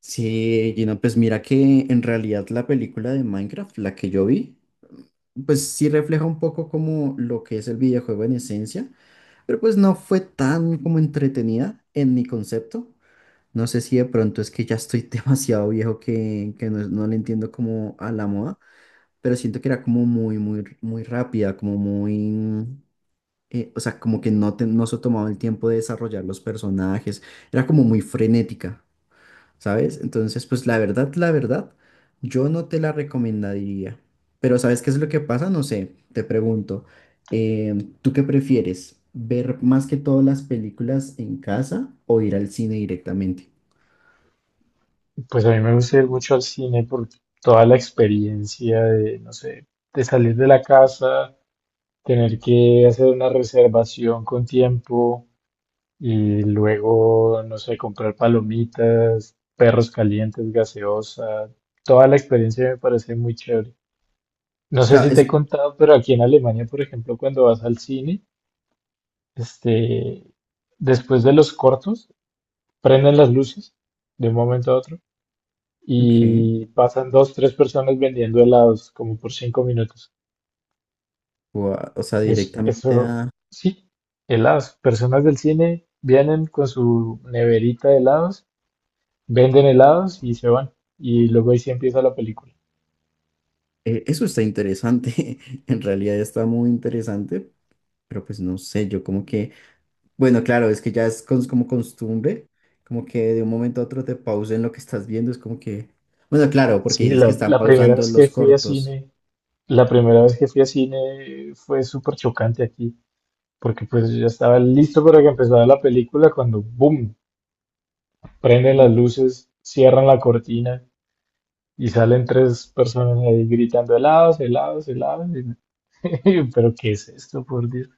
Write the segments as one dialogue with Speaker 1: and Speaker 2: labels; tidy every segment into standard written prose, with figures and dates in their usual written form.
Speaker 1: Sí, Gino, pues mira que en realidad la película de Minecraft, la que yo vi, pues sí refleja un poco como lo que es el videojuego en esencia, pero pues no fue tan como entretenida en mi concepto. No sé si de pronto es que ya estoy demasiado viejo que no le entiendo como a la moda, pero siento que era como muy, muy, muy rápida, como muy, o sea, como que no, no se tomaba el tiempo de desarrollar los personajes, era como muy frenética. ¿Sabes? Entonces, pues la verdad, yo no te la recomendaría. Pero ¿sabes qué es lo que pasa? No sé, te pregunto, eh, ¿tú qué prefieres? ¿Ver más que todas las películas en casa o ir al cine directamente?
Speaker 2: Pues a mí me gusta ir mucho al cine por toda la experiencia de, no sé, de salir de la casa, tener que hacer una reservación con tiempo y luego, no sé, comprar palomitas, perros calientes, gaseosa. Toda la experiencia me parece muy chévere. No
Speaker 1: O
Speaker 2: sé
Speaker 1: sea,
Speaker 2: si te
Speaker 1: es...
Speaker 2: he contado, pero aquí en Alemania, por ejemplo, cuando vas al cine, este, después de los cortos, prenden las luces de un momento a otro.
Speaker 1: Ok,
Speaker 2: Y pasan dos, tres personas vendiendo helados como por cinco minutos.
Speaker 1: o sea,
Speaker 2: Es,
Speaker 1: directamente
Speaker 2: eso
Speaker 1: a...
Speaker 2: sí, helados. Personas del cine vienen con su neverita de helados, venden helados y se van. Y luego ahí sí empieza la película.
Speaker 1: Eso está interesante, en realidad está muy interesante, pero pues no sé, yo como que... Bueno, claro, es que ya como costumbre, como que de un momento a otro te pausen lo que estás viendo, es como que... Bueno, claro, porque
Speaker 2: Sí,
Speaker 1: dices que
Speaker 2: la,
Speaker 1: están
Speaker 2: la primera
Speaker 1: pausando
Speaker 2: vez que
Speaker 1: los
Speaker 2: fui a
Speaker 1: cortos.
Speaker 2: cine, la primera vez que fui a cine fue súper chocante aquí, porque pues yo ya estaba listo para que empezara la película cuando, ¡boom!, prenden las
Speaker 1: ¿No?
Speaker 2: luces, cierran la cortina. Y salen tres personas ahí gritando helados, helados, helados. Pero ¿qué es esto, por Dios?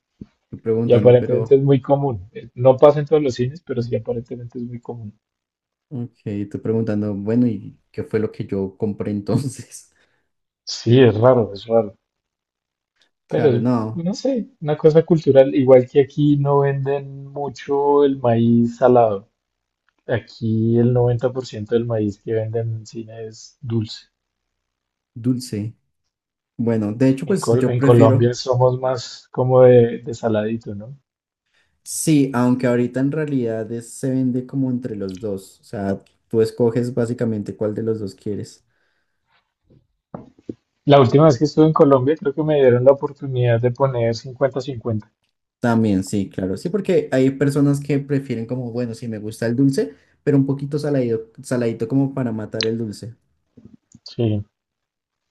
Speaker 1: Tú
Speaker 2: Y
Speaker 1: preguntando,
Speaker 2: aparentemente
Speaker 1: pero...
Speaker 2: es muy común. No pasa en todos los cines, pero sí aparentemente es muy común.
Speaker 1: Ok, tú preguntando, bueno, ¿y qué fue lo que yo compré entonces?
Speaker 2: Sí, es raro, es raro. Pero
Speaker 1: Claro,
Speaker 2: es-
Speaker 1: no,
Speaker 2: no sé, una cosa cultural. Igual que aquí no venden mucho el maíz salado. Aquí el 90% del maíz que venden en cine es dulce.
Speaker 1: dulce. Bueno, de hecho,
Speaker 2: En,
Speaker 1: pues
Speaker 2: Col-
Speaker 1: yo
Speaker 2: en
Speaker 1: prefiero...
Speaker 2: Colombia somos más como de saladito, ¿no?
Speaker 1: Sí, aunque ahorita en realidad se vende como entre los dos, o sea, tú escoges básicamente cuál de los dos quieres.
Speaker 2: La última vez que estuve en Colombia, creo que me dieron la oportunidad de poner 50-50.
Speaker 1: También, sí, claro. Sí, porque hay personas que prefieren como, bueno, sí me gusta el dulce, pero un poquito saladido, saladito como para matar el dulce.
Speaker 2: Sí.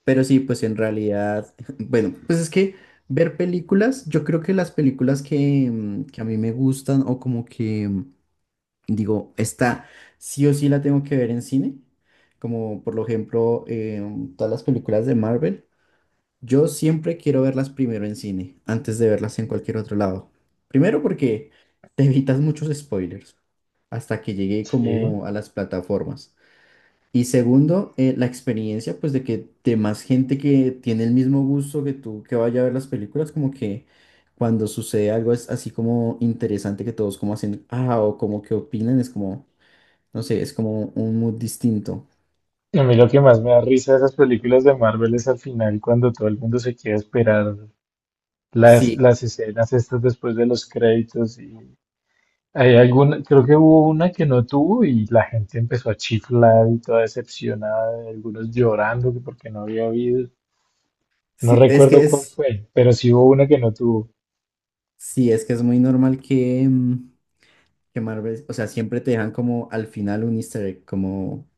Speaker 1: Pero sí, pues en realidad, bueno, pues es que ver películas, yo creo que las películas que, que a mí me gustan o como que digo, esta sí o sí la tengo que ver en cine, como por lo ejemplo todas las películas de Marvel. Yo siempre quiero verlas primero en cine, antes de verlas en cualquier otro lado. Primero porque te evitas muchos spoilers hasta que llegue
Speaker 2: Sí.
Speaker 1: como a las plataformas. Y segundo, la experiencia pues de que de más gente que tiene el mismo gusto que tú que vaya a ver las películas, como que cuando sucede algo es así como interesante que todos como hacen, ah, o como que opinan, es como, no sé, es como un mood distinto.
Speaker 2: A mí lo que más me da risa de esas películas de Marvel es al final cuando todo el mundo se quiere esperar las,
Speaker 1: Sí,
Speaker 2: las escenas estas después de los créditos, y hay alguna, creo que hubo una que no tuvo y la gente empezó a chiflar y toda decepcionada, algunos llorando que porque no había habido. No
Speaker 1: sí,
Speaker 2: recuerdo cuál fue, pero sí hubo una que no tuvo.
Speaker 1: sí, es que es muy normal que... que Marvel, o sea, siempre te dejan como al final un easter egg, como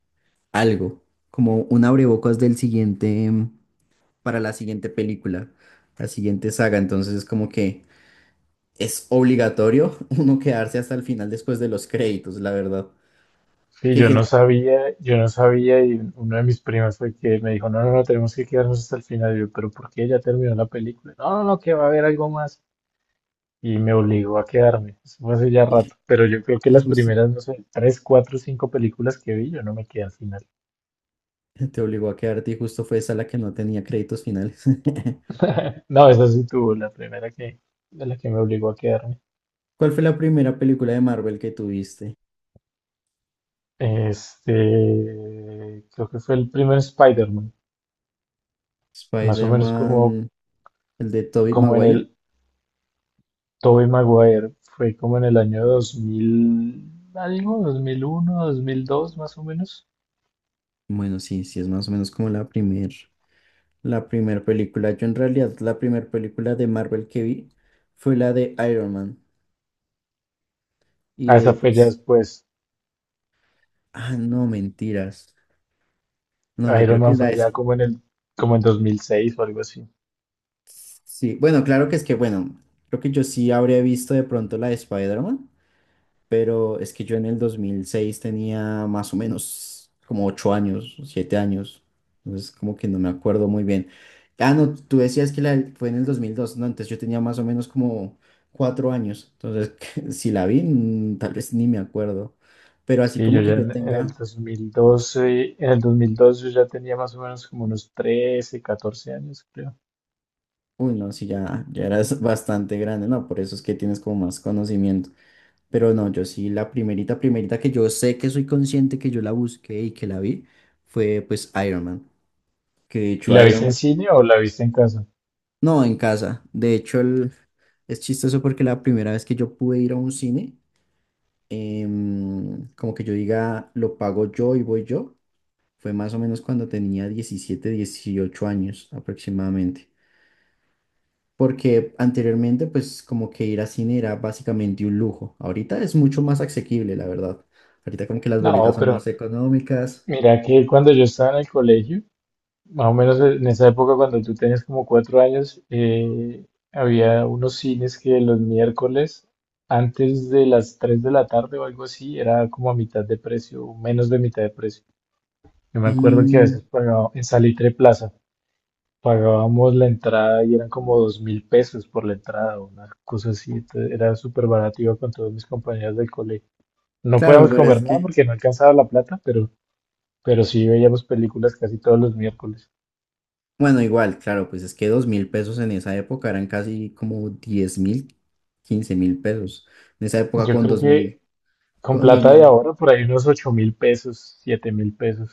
Speaker 1: algo, como un abrebocas del siguiente, para la siguiente película, la siguiente saga. Entonces es como que es obligatorio uno quedarse hasta el final después de los créditos, la verdad.
Speaker 2: Sí,
Speaker 1: Que
Speaker 2: yo no
Speaker 1: genera-
Speaker 2: sabía, yo no sabía y uno de mis primos fue que me dijo, no, no, no, tenemos que quedarnos hasta el final. Y yo, pero ¿por qué ya terminó la película? No, no, no, que va a haber algo más. Y me obligó a quedarme. Eso fue hace ya rato. Pero yo creo que
Speaker 1: y
Speaker 2: las
Speaker 1: justo
Speaker 2: primeras, no sé, tres, cuatro, cinco películas que vi, yo no me quedé al final.
Speaker 1: te obligó a quedarte y justo fue esa la que no tenía créditos finales.
Speaker 2: No, esa sí tuvo, la primera que, de la que me obligó a quedarme.
Speaker 1: ¿Cuál fue la primera película de Marvel que tuviste?
Speaker 2: Creo que fue el primer Spider-Man, más o menos como,
Speaker 1: Spider-Man, el de Tobey
Speaker 2: como en
Speaker 1: Maguire.
Speaker 2: el, Tobey Maguire fue como en el año 2000, algo, dos mil uno, dos, mil dos más o menos.
Speaker 1: Bueno, sí, sí, es más o menos como la primera. La primera película, yo en realidad la primera película de Marvel que vi fue la de Iron Man. Y
Speaker 2: Ah,
Speaker 1: de ahí
Speaker 2: esa fue ya
Speaker 1: pues,
Speaker 2: después.
Speaker 1: ah, no, mentiras. No, yo creo
Speaker 2: Iron
Speaker 1: que
Speaker 2: Man
Speaker 1: la
Speaker 2: fue ya
Speaker 1: es...
Speaker 2: como en el, como en 2006 o algo así.
Speaker 1: Sí, bueno, claro que es que, bueno, creo que yo sí habría visto de pronto la de Spider-Man, pero es que yo en el 2006 tenía más o menos como 8 años, 7 años, entonces como que no me acuerdo muy bien. Ah, no, tú decías que la, fue en el 2002, no, antes yo tenía más o menos como 4 años, entonces si la vi, tal vez ni me acuerdo, pero así
Speaker 2: Sí, yo
Speaker 1: como que
Speaker 2: ya
Speaker 1: yo
Speaker 2: en el
Speaker 1: tenga,
Speaker 2: 2012, en el 2002 yo ya tenía más o menos como unos 13, 14 años, creo.
Speaker 1: uy, no, si ya, ya eras bastante grande, no, por eso es que tienes como más conocimiento. Pero no, yo sí, la primerita, primerita que yo sé que soy consciente que yo la busqué y que la vi fue pues Iron Man. Que de
Speaker 2: ¿Y
Speaker 1: hecho
Speaker 2: la
Speaker 1: Iron
Speaker 2: viste en
Speaker 1: Man,
Speaker 2: cine o la viste en casa?
Speaker 1: no, en casa. De hecho, es chistoso porque la primera vez que yo pude ir a un cine, como que yo diga, lo pago yo y voy yo, fue más o menos cuando tenía 17 18 años aproximadamente. Porque anteriormente, pues como que ir a cine era básicamente un lujo. Ahorita es mucho más asequible, la verdad. Ahorita como que las boletas
Speaker 2: No,
Speaker 1: son más
Speaker 2: pero
Speaker 1: económicas.
Speaker 2: mira que cuando yo estaba en el colegio, más o menos en esa época, cuando tú tenías como cuatro años, había unos cines que los miércoles, antes de las 3 de la tarde o algo así, era como a mitad de precio, o menos de mitad de precio. Yo me acuerdo que a
Speaker 1: Mm,
Speaker 2: veces pagaba en Salitre Plaza, pagábamos la entrada y eran como dos mil pesos por la entrada, una cosa así. Entonces, era súper barato, iba con todos mis compañeros del colegio. No
Speaker 1: claro,
Speaker 2: podíamos
Speaker 1: pero es
Speaker 2: comer nada
Speaker 1: que...
Speaker 2: porque no alcanzaba la plata, pero sí veíamos películas casi todos los miércoles.
Speaker 1: Bueno, igual, claro, pues es que 2000 pesos en esa época eran casi como 10.000, 15.000 pesos. En esa época
Speaker 2: Yo
Speaker 1: con
Speaker 2: creo
Speaker 1: 2000,
Speaker 2: que con
Speaker 1: con dos
Speaker 2: plata de
Speaker 1: mil,
Speaker 2: ahora, por ahí unos 8 mil pesos, 7 mil pesos.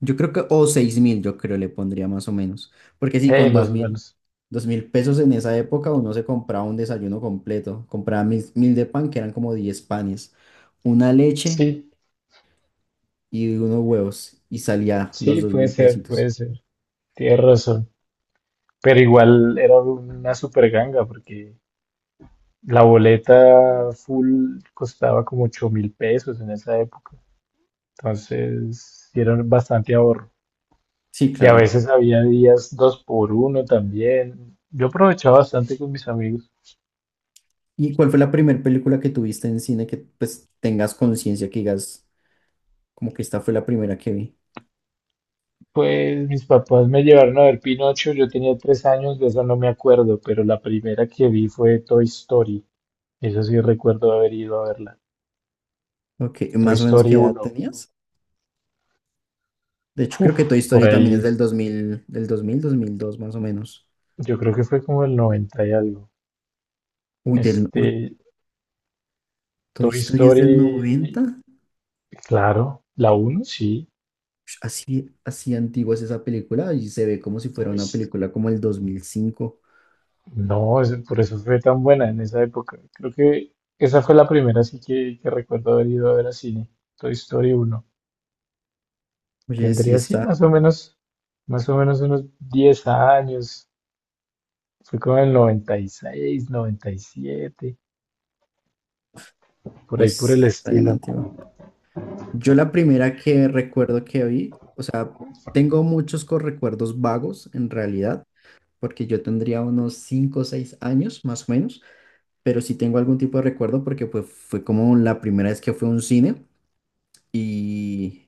Speaker 1: yo creo que, o 6000, yo creo le pondría más o menos. Porque sí,
Speaker 2: Más o menos.
Speaker 1: 2000 pesos en esa época uno se compraba un desayuno completo. Compraba 1000 de pan, que eran como 10 panes, una leche
Speaker 2: Sí,
Speaker 1: y unos huevos, y salía los
Speaker 2: sí,
Speaker 1: dos
Speaker 2: puede
Speaker 1: mil
Speaker 2: ser, puede
Speaker 1: pesitos.
Speaker 2: ser. Tienes razón. Pero igual era una super ganga porque la boleta full costaba como 8 mil pesos en esa época. Entonces, sí era bastante ahorro.
Speaker 1: Sí,
Speaker 2: Y a
Speaker 1: claro.
Speaker 2: veces había días dos por uno también. Yo aprovechaba bastante con mis amigos.
Speaker 1: ¿Y cuál fue la primera película que tuviste en cine que pues tengas conciencia que digas? Como que esta fue la primera que vi.
Speaker 2: Pues mis papás me llevaron a ver Pinocho, yo tenía tres años, de eso no me acuerdo, pero la primera que vi fue Toy Story. Eso sí recuerdo haber ido a verla.
Speaker 1: Ok,
Speaker 2: Toy
Speaker 1: más o menos
Speaker 2: Story
Speaker 1: qué edad
Speaker 2: uno.
Speaker 1: tenías. De hecho, creo
Speaker 2: Uf,
Speaker 1: que Toy
Speaker 2: por
Speaker 1: Story también es
Speaker 2: ahí,
Speaker 1: del 2000, del 2000, 2002, más o menos.
Speaker 2: yo creo que fue como el 90 y algo.
Speaker 1: Uy, uy,
Speaker 2: Este,
Speaker 1: Toy
Speaker 2: Toy
Speaker 1: Story es del
Speaker 2: Story,
Speaker 1: 90.
Speaker 2: claro, la uno sí.
Speaker 1: Ush, así, así antigua es esa película y se ve como si fuera una
Speaker 2: Pues
Speaker 1: película como el 2005.
Speaker 2: no, es- por eso fue tan buena en esa época. Creo que esa fue la primera sí que recuerdo haber ido a ver al cine. Toy Story uno.
Speaker 1: Oye, sí
Speaker 2: Tendría, así
Speaker 1: está,
Speaker 2: más o menos unos 10 años. Fue como en el 96, noventa y siete, por ahí por el
Speaker 1: pues está bien
Speaker 2: estilo.
Speaker 1: antigua. Yo la primera que recuerdo que vi, o sea, tengo muchos recuerdos vagos en realidad, porque yo tendría unos 5 o 6 años más o menos. Pero sí tengo algún tipo de recuerdo porque pues fue como la primera vez que fue a un cine y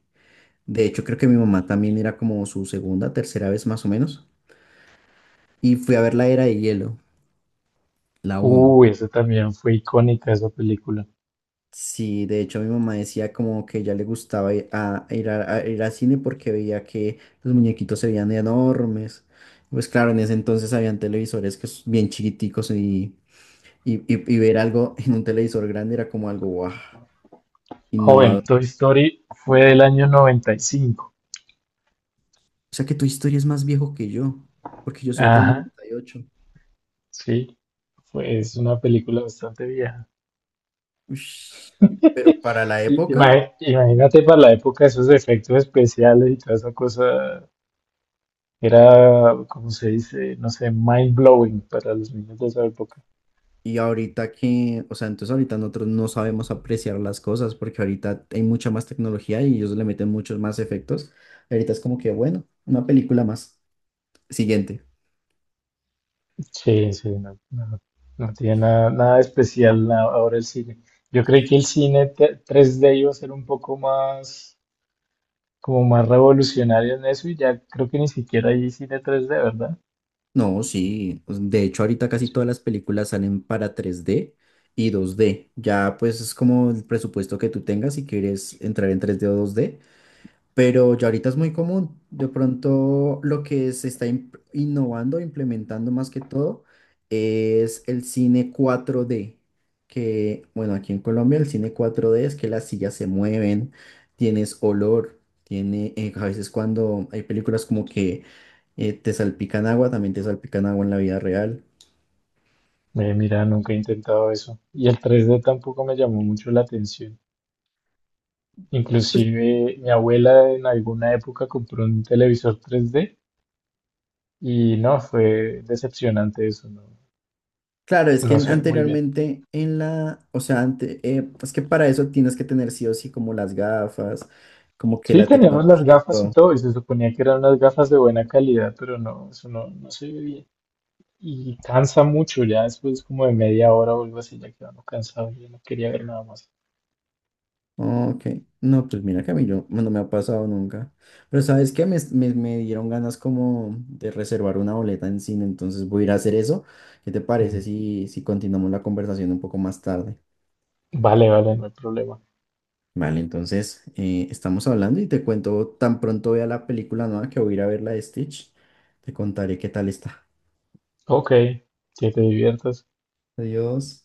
Speaker 1: de hecho creo que mi mamá también era como su segunda, tercera vez más o menos y fui a ver La Era de Hielo, la uno.
Speaker 2: Uy, eso también fue icónica esa película.
Speaker 1: Sí, de hecho mi mamá decía como que ya le gustaba ir al cine porque veía que los muñequitos se veían enormes. Pues claro, en ese entonces habían televisores que bien chiquiticos y, y ver algo en un televisor grande era como algo guau.
Speaker 2: Joven, Toy Story fue del año noventa y cinco.
Speaker 1: O sea que tu historia es más viejo que yo, porque yo soy el del
Speaker 2: Ajá,
Speaker 1: 98.
Speaker 2: sí, fue, es una película bastante vieja.
Speaker 1: Ush. Pero para la
Speaker 2: Y-
Speaker 1: época
Speaker 2: ima- Imagínate para la época esos efectos especiales y toda esa cosa, era, como se dice? No sé, mind blowing para los niños de esa época.
Speaker 1: y ahorita que, o sea, entonces ahorita nosotros no sabemos apreciar las cosas porque ahorita hay mucha más tecnología y ellos le meten muchos más efectos. Ahorita es como que, bueno, una película más. Siguiente.
Speaker 2: Sí, sí, no, no tiene nada, nada de especial ahora el cine. Yo creí que el cine 3D iba a ser un poco más, como más revolucionario en eso y ya creo que ni siquiera hay cine 3D, ¿verdad?
Speaker 1: No, sí, pues, de hecho, ahorita casi todas las películas salen para 3D y 2D. Ya pues es como el presupuesto que tú tengas si quieres entrar en 3D o 2D. Pero ya ahorita es muy común. De pronto lo que se está innovando, implementando más que todo, es el cine 4D. Que, bueno, aquí en Colombia el cine 4D es que las sillas se mueven, tienes olor, tiene, a veces cuando hay películas como que te salpican agua, también te salpican agua en la vida real.
Speaker 2: Mira, nunca he intentado eso. Y el 3D tampoco me llamó mucho la atención. Inclusive mi abuela en alguna época compró un televisor 3D y no, fue decepcionante eso, no,
Speaker 1: Claro, es que
Speaker 2: no sé, muy bien.
Speaker 1: anteriormente en la, o sea, es que para eso tienes que tener sí o sí como las gafas, como que
Speaker 2: Sí,
Speaker 1: la
Speaker 2: teníamos las
Speaker 1: tecnología y
Speaker 2: gafas y
Speaker 1: todo.
Speaker 2: todo, y se suponía que eran unas gafas de buena calidad, pero no, eso no, no se ve bien. Y cansa mucho, ya después como de media hora o algo así, ya quedamos cansado, yo no quería ver nada más.
Speaker 1: Ok, no, pues mira que a mí yo, no me ha pasado nunca. Pero ¿sabes qué? Me dieron ganas como de reservar una boleta en cine, entonces voy a ir a hacer eso. ¿Qué te parece si, continuamos la conversación un poco más tarde?
Speaker 2: Vale, vale, no hay problema.
Speaker 1: Vale, entonces estamos hablando y te cuento tan pronto vea la película nueva que voy a ir a ver la de Stitch. Te contaré qué tal está.
Speaker 2: Ok, que te diviertas.
Speaker 1: Adiós.